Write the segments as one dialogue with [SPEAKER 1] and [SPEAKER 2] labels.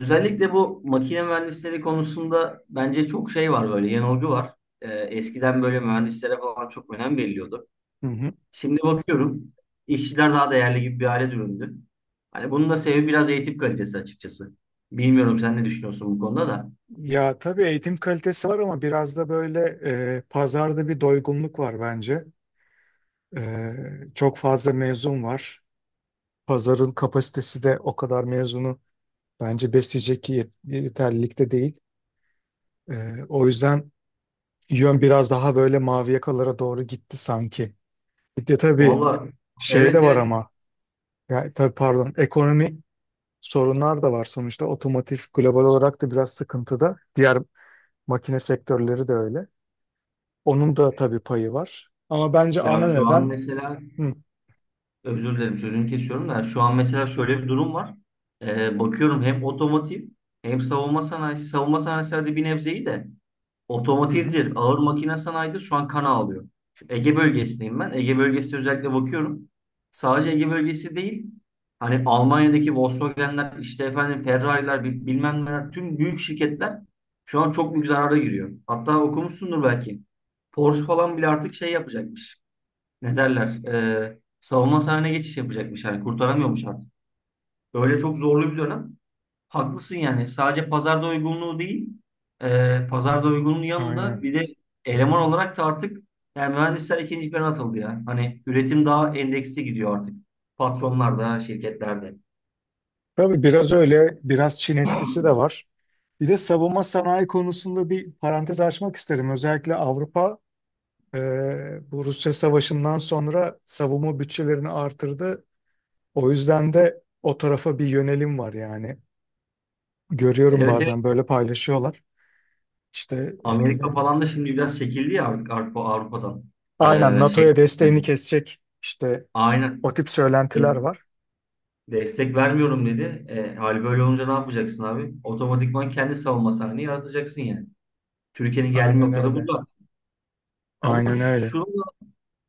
[SPEAKER 1] Özellikle bu makine mühendisleri konusunda bence çok şey var böyle yanılgı var. Eskiden böyle mühendislere falan çok önem veriliyordu.
[SPEAKER 2] Hı hı.
[SPEAKER 1] Şimdi bakıyorum işçiler daha değerli gibi bir hale dönüldü. Hani bunun da sebebi biraz eğitim kalitesi açıkçası. Bilmiyorum sen ne düşünüyorsun bu konuda da.
[SPEAKER 2] Ya tabii eğitim kalitesi var ama biraz da böyle pazarda bir doygunluk var bence. Çok fazla mezun var. Pazarın kapasitesi de o kadar mezunu bence besleyecek yeterlilikte değil. O yüzden yön biraz daha böyle mavi yakalara doğru gitti sanki. Bir de tabii
[SPEAKER 1] Vallahi.
[SPEAKER 2] şey
[SPEAKER 1] Evet,
[SPEAKER 2] de var
[SPEAKER 1] evet.
[SPEAKER 2] ama ya tabii pardon ekonomi sorunlar da var sonuçta. Otomotiv global olarak da biraz sıkıntıda. Diğer makine sektörleri de öyle. Onun da tabii payı var. Ama bence ana
[SPEAKER 1] Ya, şu an
[SPEAKER 2] neden
[SPEAKER 1] mesela,
[SPEAKER 2] hı,
[SPEAKER 1] özür dilerim sözünü kesiyorum da, şu an mesela şöyle bir durum var. Bakıyorum hem otomotiv hem savunma sanayisi. Hadi bir nebzeyi de.
[SPEAKER 2] hı hı,
[SPEAKER 1] Otomotivdir, ağır makine sanayidir. Şu an kan ağlıyor. Şu Ege bölgesindeyim ben. Ege bölgesine özellikle bakıyorum. Sadece Ege bölgesi değil. Hani Almanya'daki Volkswagen'ler, işte efendim Ferrari'ler, bilmem neler, tüm büyük şirketler şu an çok büyük zarara giriyor. Hatta okumuşsundur belki. Porsche falan bile artık şey yapacakmış. Ne derler? Savunma sanayine geçiş yapacakmış. Yani kurtaramıyormuş artık. Öyle çok zorlu bir dönem. Haklısın yani. Sadece pazarda uygunluğu değil, pazarda uygunluğun yanında
[SPEAKER 2] aynen.
[SPEAKER 1] bir de eleman olarak da artık yani mühendisler ikinci plana atıldı ya. Hani üretim daha endeksli gidiyor artık. Patronlarda, şirketlerde.
[SPEAKER 2] Tabii biraz öyle, biraz Çin etkisi de var. Bir de savunma sanayi konusunda bir parantez açmak isterim. Özellikle Avrupa e, bu Rusya Savaşı'ndan sonra savunma bütçelerini artırdı. O yüzden de o tarafa bir yönelim var yani. Görüyorum
[SPEAKER 1] Evet, evet.
[SPEAKER 2] bazen böyle paylaşıyorlar. İşte e,
[SPEAKER 1] Amerika falan da şimdi biraz çekildi ya artık Avrupa, Avrupa'dan.
[SPEAKER 2] aynen
[SPEAKER 1] Şey,
[SPEAKER 2] NATO'ya desteğini
[SPEAKER 1] hani,
[SPEAKER 2] kesecek işte
[SPEAKER 1] aynen.
[SPEAKER 2] o tip
[SPEAKER 1] E,
[SPEAKER 2] söylentiler var.
[SPEAKER 1] Destek vermiyorum dedi. Hali böyle olunca ne yapacaksın abi? Otomatikman kendi savunma sahneyi yaratacaksın yani. Türkiye'nin geldiği
[SPEAKER 2] Aynen
[SPEAKER 1] noktada bu
[SPEAKER 2] öyle.
[SPEAKER 1] da. Ama
[SPEAKER 2] Aynen öyle.
[SPEAKER 1] şu,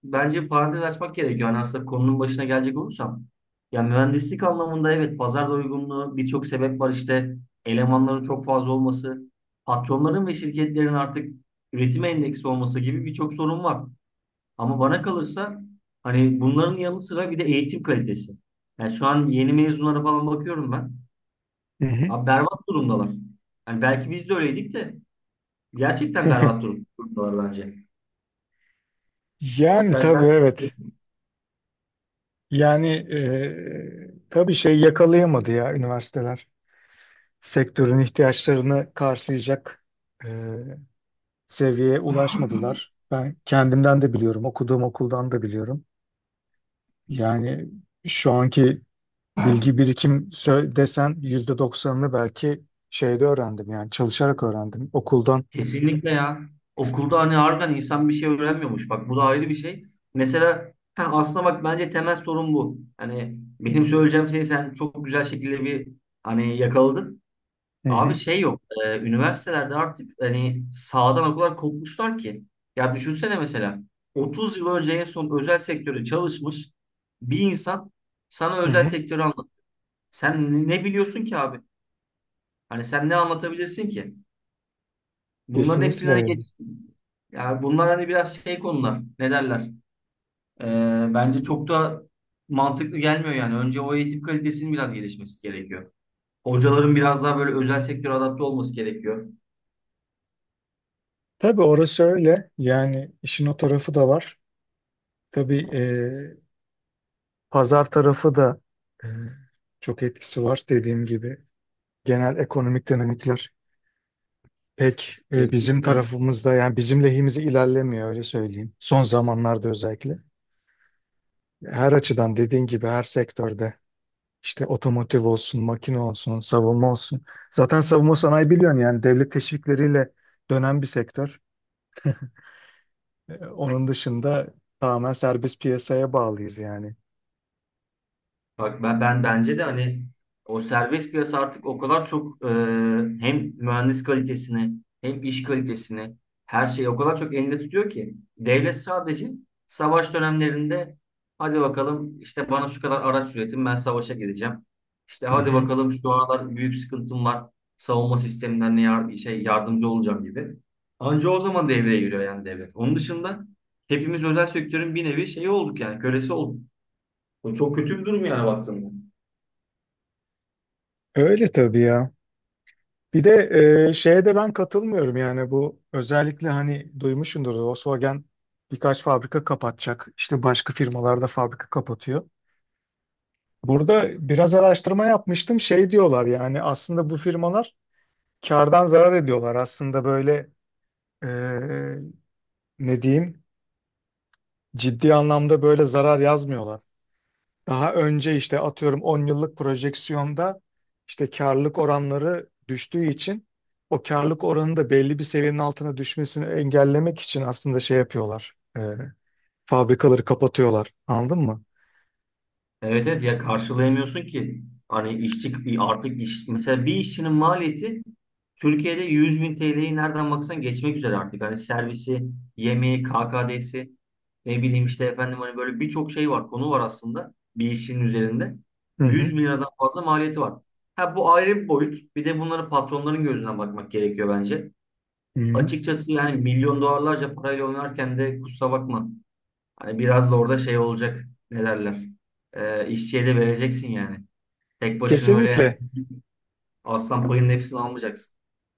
[SPEAKER 1] bence bir parantez açmak gerekiyor. Hani aslında konunun başına gelecek olursam, ya mühendislik anlamında evet, pazar doygunluğu, birçok sebep var işte. Elemanların çok fazla olması, patronların ve şirketlerin artık üretime endeksi olması gibi birçok sorun var. Ama bana kalırsa, hani bunların yanı sıra bir de eğitim kalitesi. Yani şu an yeni mezunlara falan bakıyorum ben.
[SPEAKER 2] Hı hı.
[SPEAKER 1] Abi, berbat durumdalar. Yani belki biz de öyleydik de, gerçekten berbat durumdalar bence.
[SPEAKER 2] Yani
[SPEAKER 1] Sen,
[SPEAKER 2] tabii
[SPEAKER 1] sen
[SPEAKER 2] evet. Yani tabii şey yakalayamadı ya üniversiteler. Sektörün ihtiyaçlarını karşılayacak e, seviyeye ulaşmadılar. Ben kendimden de biliyorum, okuduğum okuldan da biliyorum. Yani şu anki desen %90'ını belki şeyde öğrendim yani çalışarak öğrendim okuldan.
[SPEAKER 1] Kesinlikle ya. Okulda hani harbiden insan bir şey öğrenmiyormuş. Bak, bu da ayrı bir şey. Mesela ha, aslında bak, bence temel sorun bu. Hani benim söyleyeceğim şeyi sen çok güzel şekilde bir, hani, yakaladın.
[SPEAKER 2] Hı
[SPEAKER 1] Abi
[SPEAKER 2] hı,
[SPEAKER 1] şey yok. Üniversitelerde artık hani sağdan o kadar kopmuşlar ki. Ya düşünsene, mesela 30 yıl önce en son özel sektörde çalışmış bir insan sana
[SPEAKER 2] hı
[SPEAKER 1] özel
[SPEAKER 2] hı.
[SPEAKER 1] sektörü anlat. Sen ne biliyorsun ki abi? Hani sen ne anlatabilirsin ki? Bunların hepsinden
[SPEAKER 2] Kesinlikle
[SPEAKER 1] hani geç.
[SPEAKER 2] öyle.
[SPEAKER 1] Yani bunlar hani biraz şey konular. Ne derler? Bence çok da mantıklı gelmiyor yani. Önce o eğitim kalitesinin biraz gelişmesi gerekiyor. Hocaların biraz daha böyle özel sektöre adapte olması gerekiyor.
[SPEAKER 2] Tabii orası öyle. Yani işin o tarafı da var. Tabii pazar tarafı da e, çok etkisi var dediğim gibi. Genel ekonomik dinamikler pek bizim
[SPEAKER 1] Kesinlikle.
[SPEAKER 2] tarafımızda yani bizim lehimize ilerlemiyor öyle söyleyeyim. Son zamanlarda özellikle. Her açıdan dediğin gibi her sektörde işte otomotiv olsun, makine olsun, savunma olsun. Zaten savunma sanayi biliyorsun yani devlet teşvikleriyle dönen bir sektör. Onun dışında tamamen serbest piyasaya bağlıyız yani.
[SPEAKER 1] Bak ben bence de hani o serbest piyasa artık o kadar çok hem mühendis kalitesini hem iş kalitesini, her şeyi o kadar çok elinde tutuyor ki devlet sadece savaş dönemlerinde, hadi bakalım işte bana şu kadar araç üretin, ben savaşa gideceğim. İşte
[SPEAKER 2] Hı
[SPEAKER 1] hadi
[SPEAKER 2] hı.
[SPEAKER 1] bakalım, şu aralar büyük sıkıntım var savunma sisteminden, yardımcı olacağım gibi. Anca o zaman devreye giriyor yani devlet. Onun dışında hepimiz özel sektörün bir nevi şeyi olduk, yani kölesi olduk. Bu çok kötü bir durum yani baktığında.
[SPEAKER 2] Öyle tabii ya. Bir de şeye de ben katılmıyorum yani bu özellikle hani duymuşsundur Volkswagen birkaç fabrika kapatacak. İşte başka firmalarda fabrika kapatıyor. Burada biraz araştırma yapmıştım. Şey diyorlar yani aslında bu firmalar kardan zarar ediyorlar. Aslında böyle e, ne diyeyim ciddi anlamda böyle zarar yazmıyorlar. Daha önce işte atıyorum 10 yıllık projeksiyonda işte karlılık oranları düştüğü için o karlılık oranı da belli bir seviyenin altına düşmesini engellemek için aslında şey yapıyorlar. Fabrikaları kapatıyorlar. Anladın mı?
[SPEAKER 1] Evet, evet. Ya, karşılayamıyorsun ki. Hani işçi artık mesela bir işçinin maliyeti Türkiye'de 100.000 TL'yi nereden baksan geçmek üzere artık. Hani servisi, yemeği, KKD'si, ne bileyim işte efendim, hani böyle birçok şey var, konu var aslında bir işçinin üzerinde.
[SPEAKER 2] Hı
[SPEAKER 1] yüz
[SPEAKER 2] hı.
[SPEAKER 1] bin liradan fazla maliyeti var. Ha, bu ayrı bir boyut. Bir de bunları patronların gözünden bakmak gerekiyor bence.
[SPEAKER 2] Hı hı.
[SPEAKER 1] Açıkçası yani milyon dolarlarca parayla oynarken de kusura bakma. Hani biraz da orada şey olacak. Ne derler? İşçiye de vereceksin yani. Tek başına öyle
[SPEAKER 2] Kesinlikle.
[SPEAKER 1] aslan payının hepsini almayacaksın.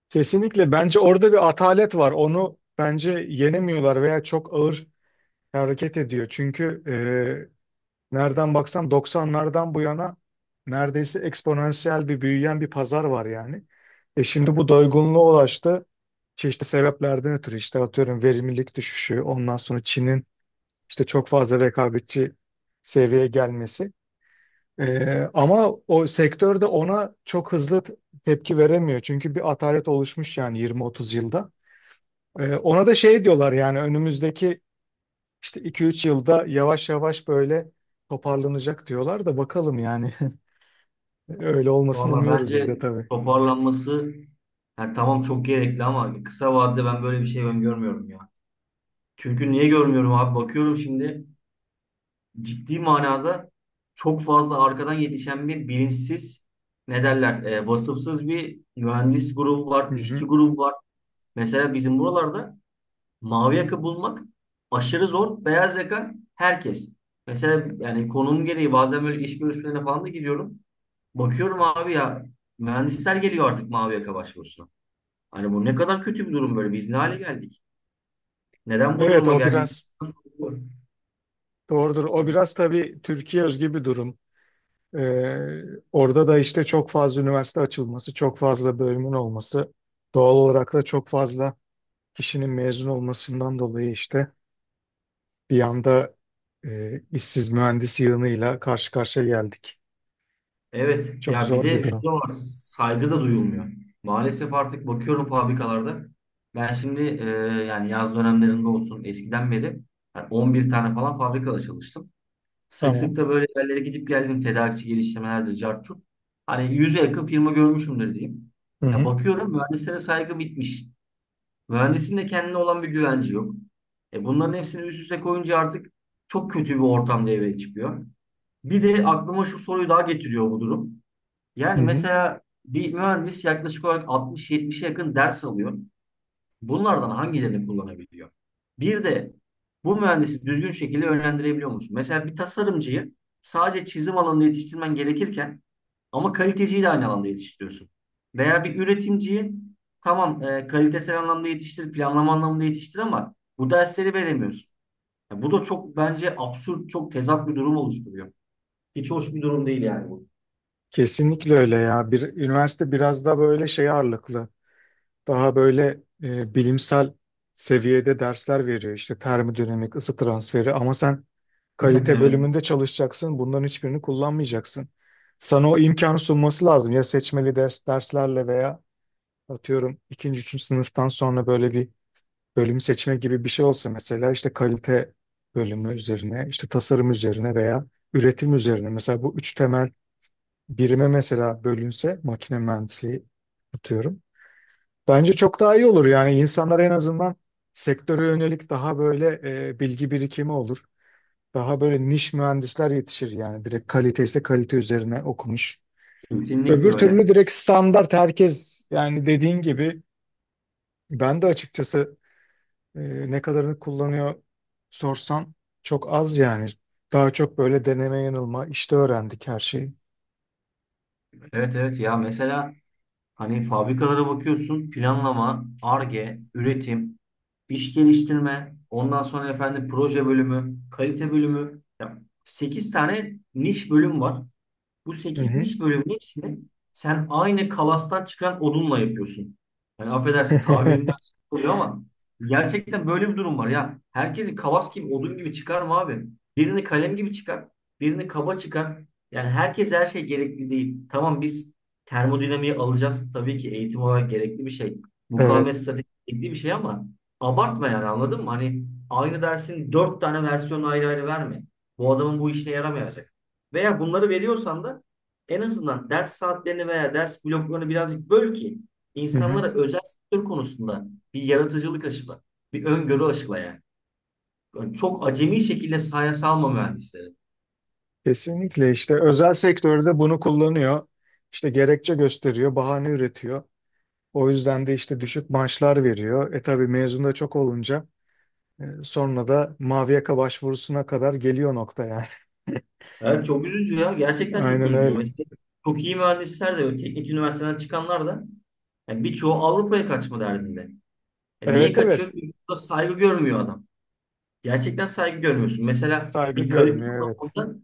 [SPEAKER 2] Kesinlikle. Bence orada bir atalet var. Onu bence yenemiyorlar veya çok ağır hareket ediyor. Çünkü nereden baksan 90'lardan bu yana neredeyse eksponansiyel bir büyüyen bir pazar var yani. E şimdi bu doygunluğa ulaştı. Çeşitli sebeplerden ötürü işte atıyorum verimlilik düşüşü, ondan sonra Çin'in işte çok fazla rekabetçi seviyeye gelmesi. Ama o sektör de ona çok tepki veremiyor. Çünkü bir atalet oluşmuş yani 20-30 yılda. Ona da şey diyorlar yani önümüzdeki işte 2-3 yılda yavaş yavaş böyle toparlanacak diyorlar da bakalım yani. Öyle olmasını
[SPEAKER 1] Valla
[SPEAKER 2] umuyoruz biz
[SPEAKER 1] bence
[SPEAKER 2] de tabii.
[SPEAKER 1] toparlanması, yani tamam çok gerekli ama kısa vadede ben böyle bir şey öngörmüyorum ya. Çünkü niye görmüyorum abi? Bakıyorum şimdi, ciddi manada çok fazla arkadan yetişen bir bilinçsiz, ne derler, vasıfsız bir mühendis grubu var,
[SPEAKER 2] Hı hı.
[SPEAKER 1] işçi grubu var. Mesela bizim buralarda mavi yaka bulmak aşırı zor. Beyaz yaka herkes. Mesela yani konum gereği bazen böyle iş görüşmelerine falan da gidiyorum. Bakıyorum abi ya, mühendisler geliyor artık mavi yaka başvurusuna. Hani bu ne kadar kötü bir durum böyle. Biz ne hale geldik? Neden bu
[SPEAKER 2] Evet
[SPEAKER 1] duruma
[SPEAKER 2] o
[SPEAKER 1] geldik?
[SPEAKER 2] biraz doğrudur. O biraz tabii Türkiye özgü bir durum. Ee, Orada da işte çok fazla üniversite açılması, çok fazla bölümün olması, doğal olarak da çok fazla kişinin mezun olmasından dolayı işte bir anda işsiz mühendis yığınıyla karşı karşıya geldik.
[SPEAKER 1] Evet
[SPEAKER 2] Çok
[SPEAKER 1] ya, bir
[SPEAKER 2] zor bir
[SPEAKER 1] de şu
[SPEAKER 2] durum.
[SPEAKER 1] da var, saygı da duyulmuyor. Maalesef artık bakıyorum fabrikalarda. Ben şimdi yani yaz dönemlerinde olsun eskiden beri, yani 11 tane falan fabrikada çalıştım. Sık
[SPEAKER 2] Tamam.
[SPEAKER 1] sık da böyle yerlere gidip geldim. Tedarikçi geliştirmelerdir, cart curt. Hani yüze yakın firma görmüşümdür diyeyim.
[SPEAKER 2] Hı
[SPEAKER 1] Ya
[SPEAKER 2] hı.
[SPEAKER 1] bakıyorum mühendislere saygı bitmiş. Mühendisin de kendine olan bir güvenci yok. E bunların hepsini üst üste koyunca artık çok kötü bir ortam devreye çıkıyor. Bir de aklıma şu soruyu daha getiriyor bu durum.
[SPEAKER 2] Hı
[SPEAKER 1] Yani
[SPEAKER 2] hı.
[SPEAKER 1] mesela bir mühendis yaklaşık olarak 60-70'e yakın ders alıyor. Bunlardan hangilerini kullanabiliyor? Bir de bu mühendisi düzgün şekilde yönlendirebiliyor musun? Mesela bir tasarımcıyı sadece çizim alanında yetiştirmen gerekirken, ama kaliteciyi de aynı alanda yetiştiriyorsun. Veya bir üretimciyi, tamam, kalitesel anlamda yetiştir, planlama anlamında yetiştir, ama bu dersleri veremiyorsun. Ya bu da çok bence absürt, çok tezat bir durum oluşturuyor. Hiç hoş bir durum değil yani bu.
[SPEAKER 2] Kesinlikle öyle ya. Bir, üniversite biraz daha böyle şey ağırlıklı. Daha böyle bilimsel seviyede dersler veriyor. İşte termodinamik, ısı transferi ama sen kalite
[SPEAKER 1] Evet.
[SPEAKER 2] bölümünde çalışacaksın. Bunların hiçbirini kullanmayacaksın. Sana o imkan sunması lazım. Ya seçmeli derslerle veya atıyorum ikinci, üçüncü sınıftan sonra böyle bir bölüm seçme gibi bir şey olsa mesela işte kalite bölümü üzerine, işte tasarım üzerine veya üretim üzerine. Mesela bu üç temel birime mesela bölünse makine mühendisliği atıyorum. Bence çok daha iyi olur. Yani insanlar en azından sektöre yönelik daha böyle bilgi birikimi olur. Daha böyle niş mühendisler yetişir yani direkt kalite ise kalite üzerine okumuş.
[SPEAKER 1] Kesinlikle
[SPEAKER 2] Öbür
[SPEAKER 1] öyle.
[SPEAKER 2] türlü direkt standart herkes yani dediğin gibi ben de açıkçası e, ne kadarını kullanıyor sorsan çok az yani. Daha çok böyle deneme yanılma işte öğrendik her şeyi.
[SPEAKER 1] Evet, evet, ya, mesela, hani fabrikalara bakıyorsun: planlama, Ar-Ge, üretim, iş geliştirme, ondan sonra efendim proje bölümü, kalite bölümü. Ya sekiz tane niş bölüm var. Bu
[SPEAKER 2] Hı
[SPEAKER 1] sekiz
[SPEAKER 2] hı.
[SPEAKER 1] niş bölümün hepsini sen aynı kalastan çıkan odunla yapıyorsun. Yani affedersin tabirimden, oluyor ama gerçekten böyle bir durum var ya. Herkesi kalas gibi, odun gibi çıkar mı abi? Birini kalem gibi çıkar, birini kaba çıkar. Yani herkes, her şey gerekli değil. Tamam biz termodinamiği alacağız, tabii ki eğitim olarak gerekli bir şey. Mukavemet
[SPEAKER 2] Evet.
[SPEAKER 1] stratejisi gerekli bir şey, ama abartma yani, anladın mı? Hani aynı dersin dört tane versiyonu ayrı ayrı verme. Bu adamın bu işine yaramayacak. Veya bunları veriyorsan da en azından ders saatlerini veya ders bloklarını birazcık böl ki
[SPEAKER 2] Hı hı.
[SPEAKER 1] insanlara özel sektör konusunda bir yaratıcılık aşıla, bir öngörü aşıla yani. Yani çok acemi şekilde sahaya salma mühendisleri.
[SPEAKER 2] Kesinlikle işte özel sektörde bunu kullanıyor. İşte gerekçe gösteriyor, bahane üretiyor. O yüzden de işte düşük maaşlar veriyor. E tabii mezun da çok olunca sonra da mavi yaka başvurusuna kadar geliyor nokta yani.
[SPEAKER 1] Evet çok üzücü ya. Gerçekten çok
[SPEAKER 2] Aynen
[SPEAKER 1] üzücü.
[SPEAKER 2] öyle.
[SPEAKER 1] Mesela çok iyi mühendisler de, teknik üniversiteden çıkanlar da, yani birçoğu Avrupa'ya kaçma derdinde. E niye
[SPEAKER 2] Evet
[SPEAKER 1] kaçıyor?
[SPEAKER 2] evet.
[SPEAKER 1] Çünkü burada saygı görmüyor adam. Gerçekten saygı görmüyorsun. Mesela
[SPEAKER 2] Saygı
[SPEAKER 1] bir kalite
[SPEAKER 2] görmüyor evet.
[SPEAKER 1] anlamında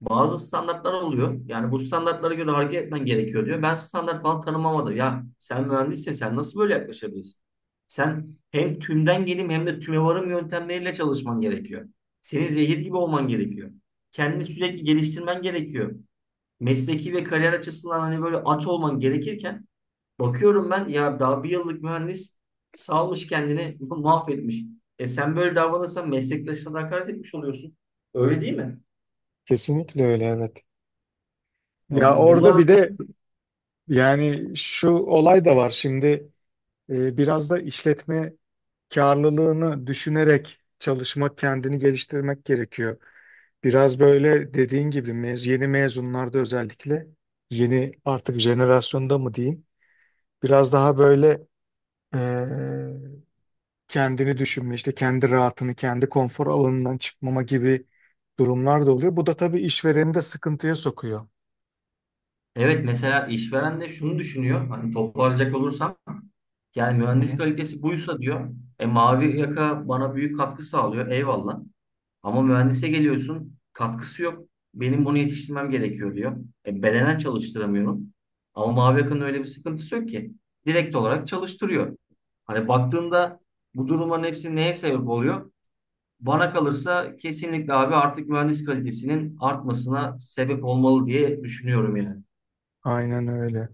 [SPEAKER 1] bazı standartlar oluyor. Yani bu standartlara göre hareket etmen gerekiyor diyor. Ben standart falan tanımamadım. Ya sen mühendissin, sen nasıl böyle yaklaşabilirsin? Sen hem tümden gelim, hem de tüme varım yöntemleriyle çalışman gerekiyor. Senin zehir gibi olman gerekiyor. Kendini sürekli geliştirmen gerekiyor. Mesleki ve kariyer açısından hani böyle aç olman gerekirken, bakıyorum ben ya daha bir yıllık mühendis salmış kendini mahvetmiş. E sen böyle davranırsan meslektaşına da hakaret etmiş oluyorsun. Öyle değil mi?
[SPEAKER 2] Kesinlikle öyle evet.
[SPEAKER 1] Ya
[SPEAKER 2] Ya
[SPEAKER 1] bu-
[SPEAKER 2] orada
[SPEAKER 1] bunlar
[SPEAKER 2] bir de yani şu olay da var şimdi biraz da işletme karlılığını düşünerek çalışmak, kendini geliştirmek gerekiyor. Biraz böyle dediğin gibi yeni mezunlarda özellikle yeni artık jenerasyonda mı diyeyim biraz daha böyle eee, kendini düşünme işte kendi rahatını kendi konfor alanından çıkmama gibi durumlar da oluyor. Bu da tabii işvereni de sıkıntıya sokuyor.
[SPEAKER 1] Evet, mesela işveren de şunu düşünüyor. Hani toparlayacak olursam, yani
[SPEAKER 2] Hı
[SPEAKER 1] mühendis
[SPEAKER 2] hı.
[SPEAKER 1] kalitesi buysa diyor. E mavi yaka bana büyük katkı sağlıyor. Eyvallah. Ama mühendise geliyorsun, katkısı yok. Benim bunu yetiştirmem gerekiyor diyor. E bedenen çalıştıramıyorum. Ama mavi yakanın öyle bir sıkıntısı yok ki. Direkt olarak çalıştırıyor. Hani baktığında, bu durumların hepsi neye sebep oluyor? Bana kalırsa kesinlikle abi artık mühendis kalitesinin artmasına sebep olmalı diye düşünüyorum yani.
[SPEAKER 2] Aynen öyle.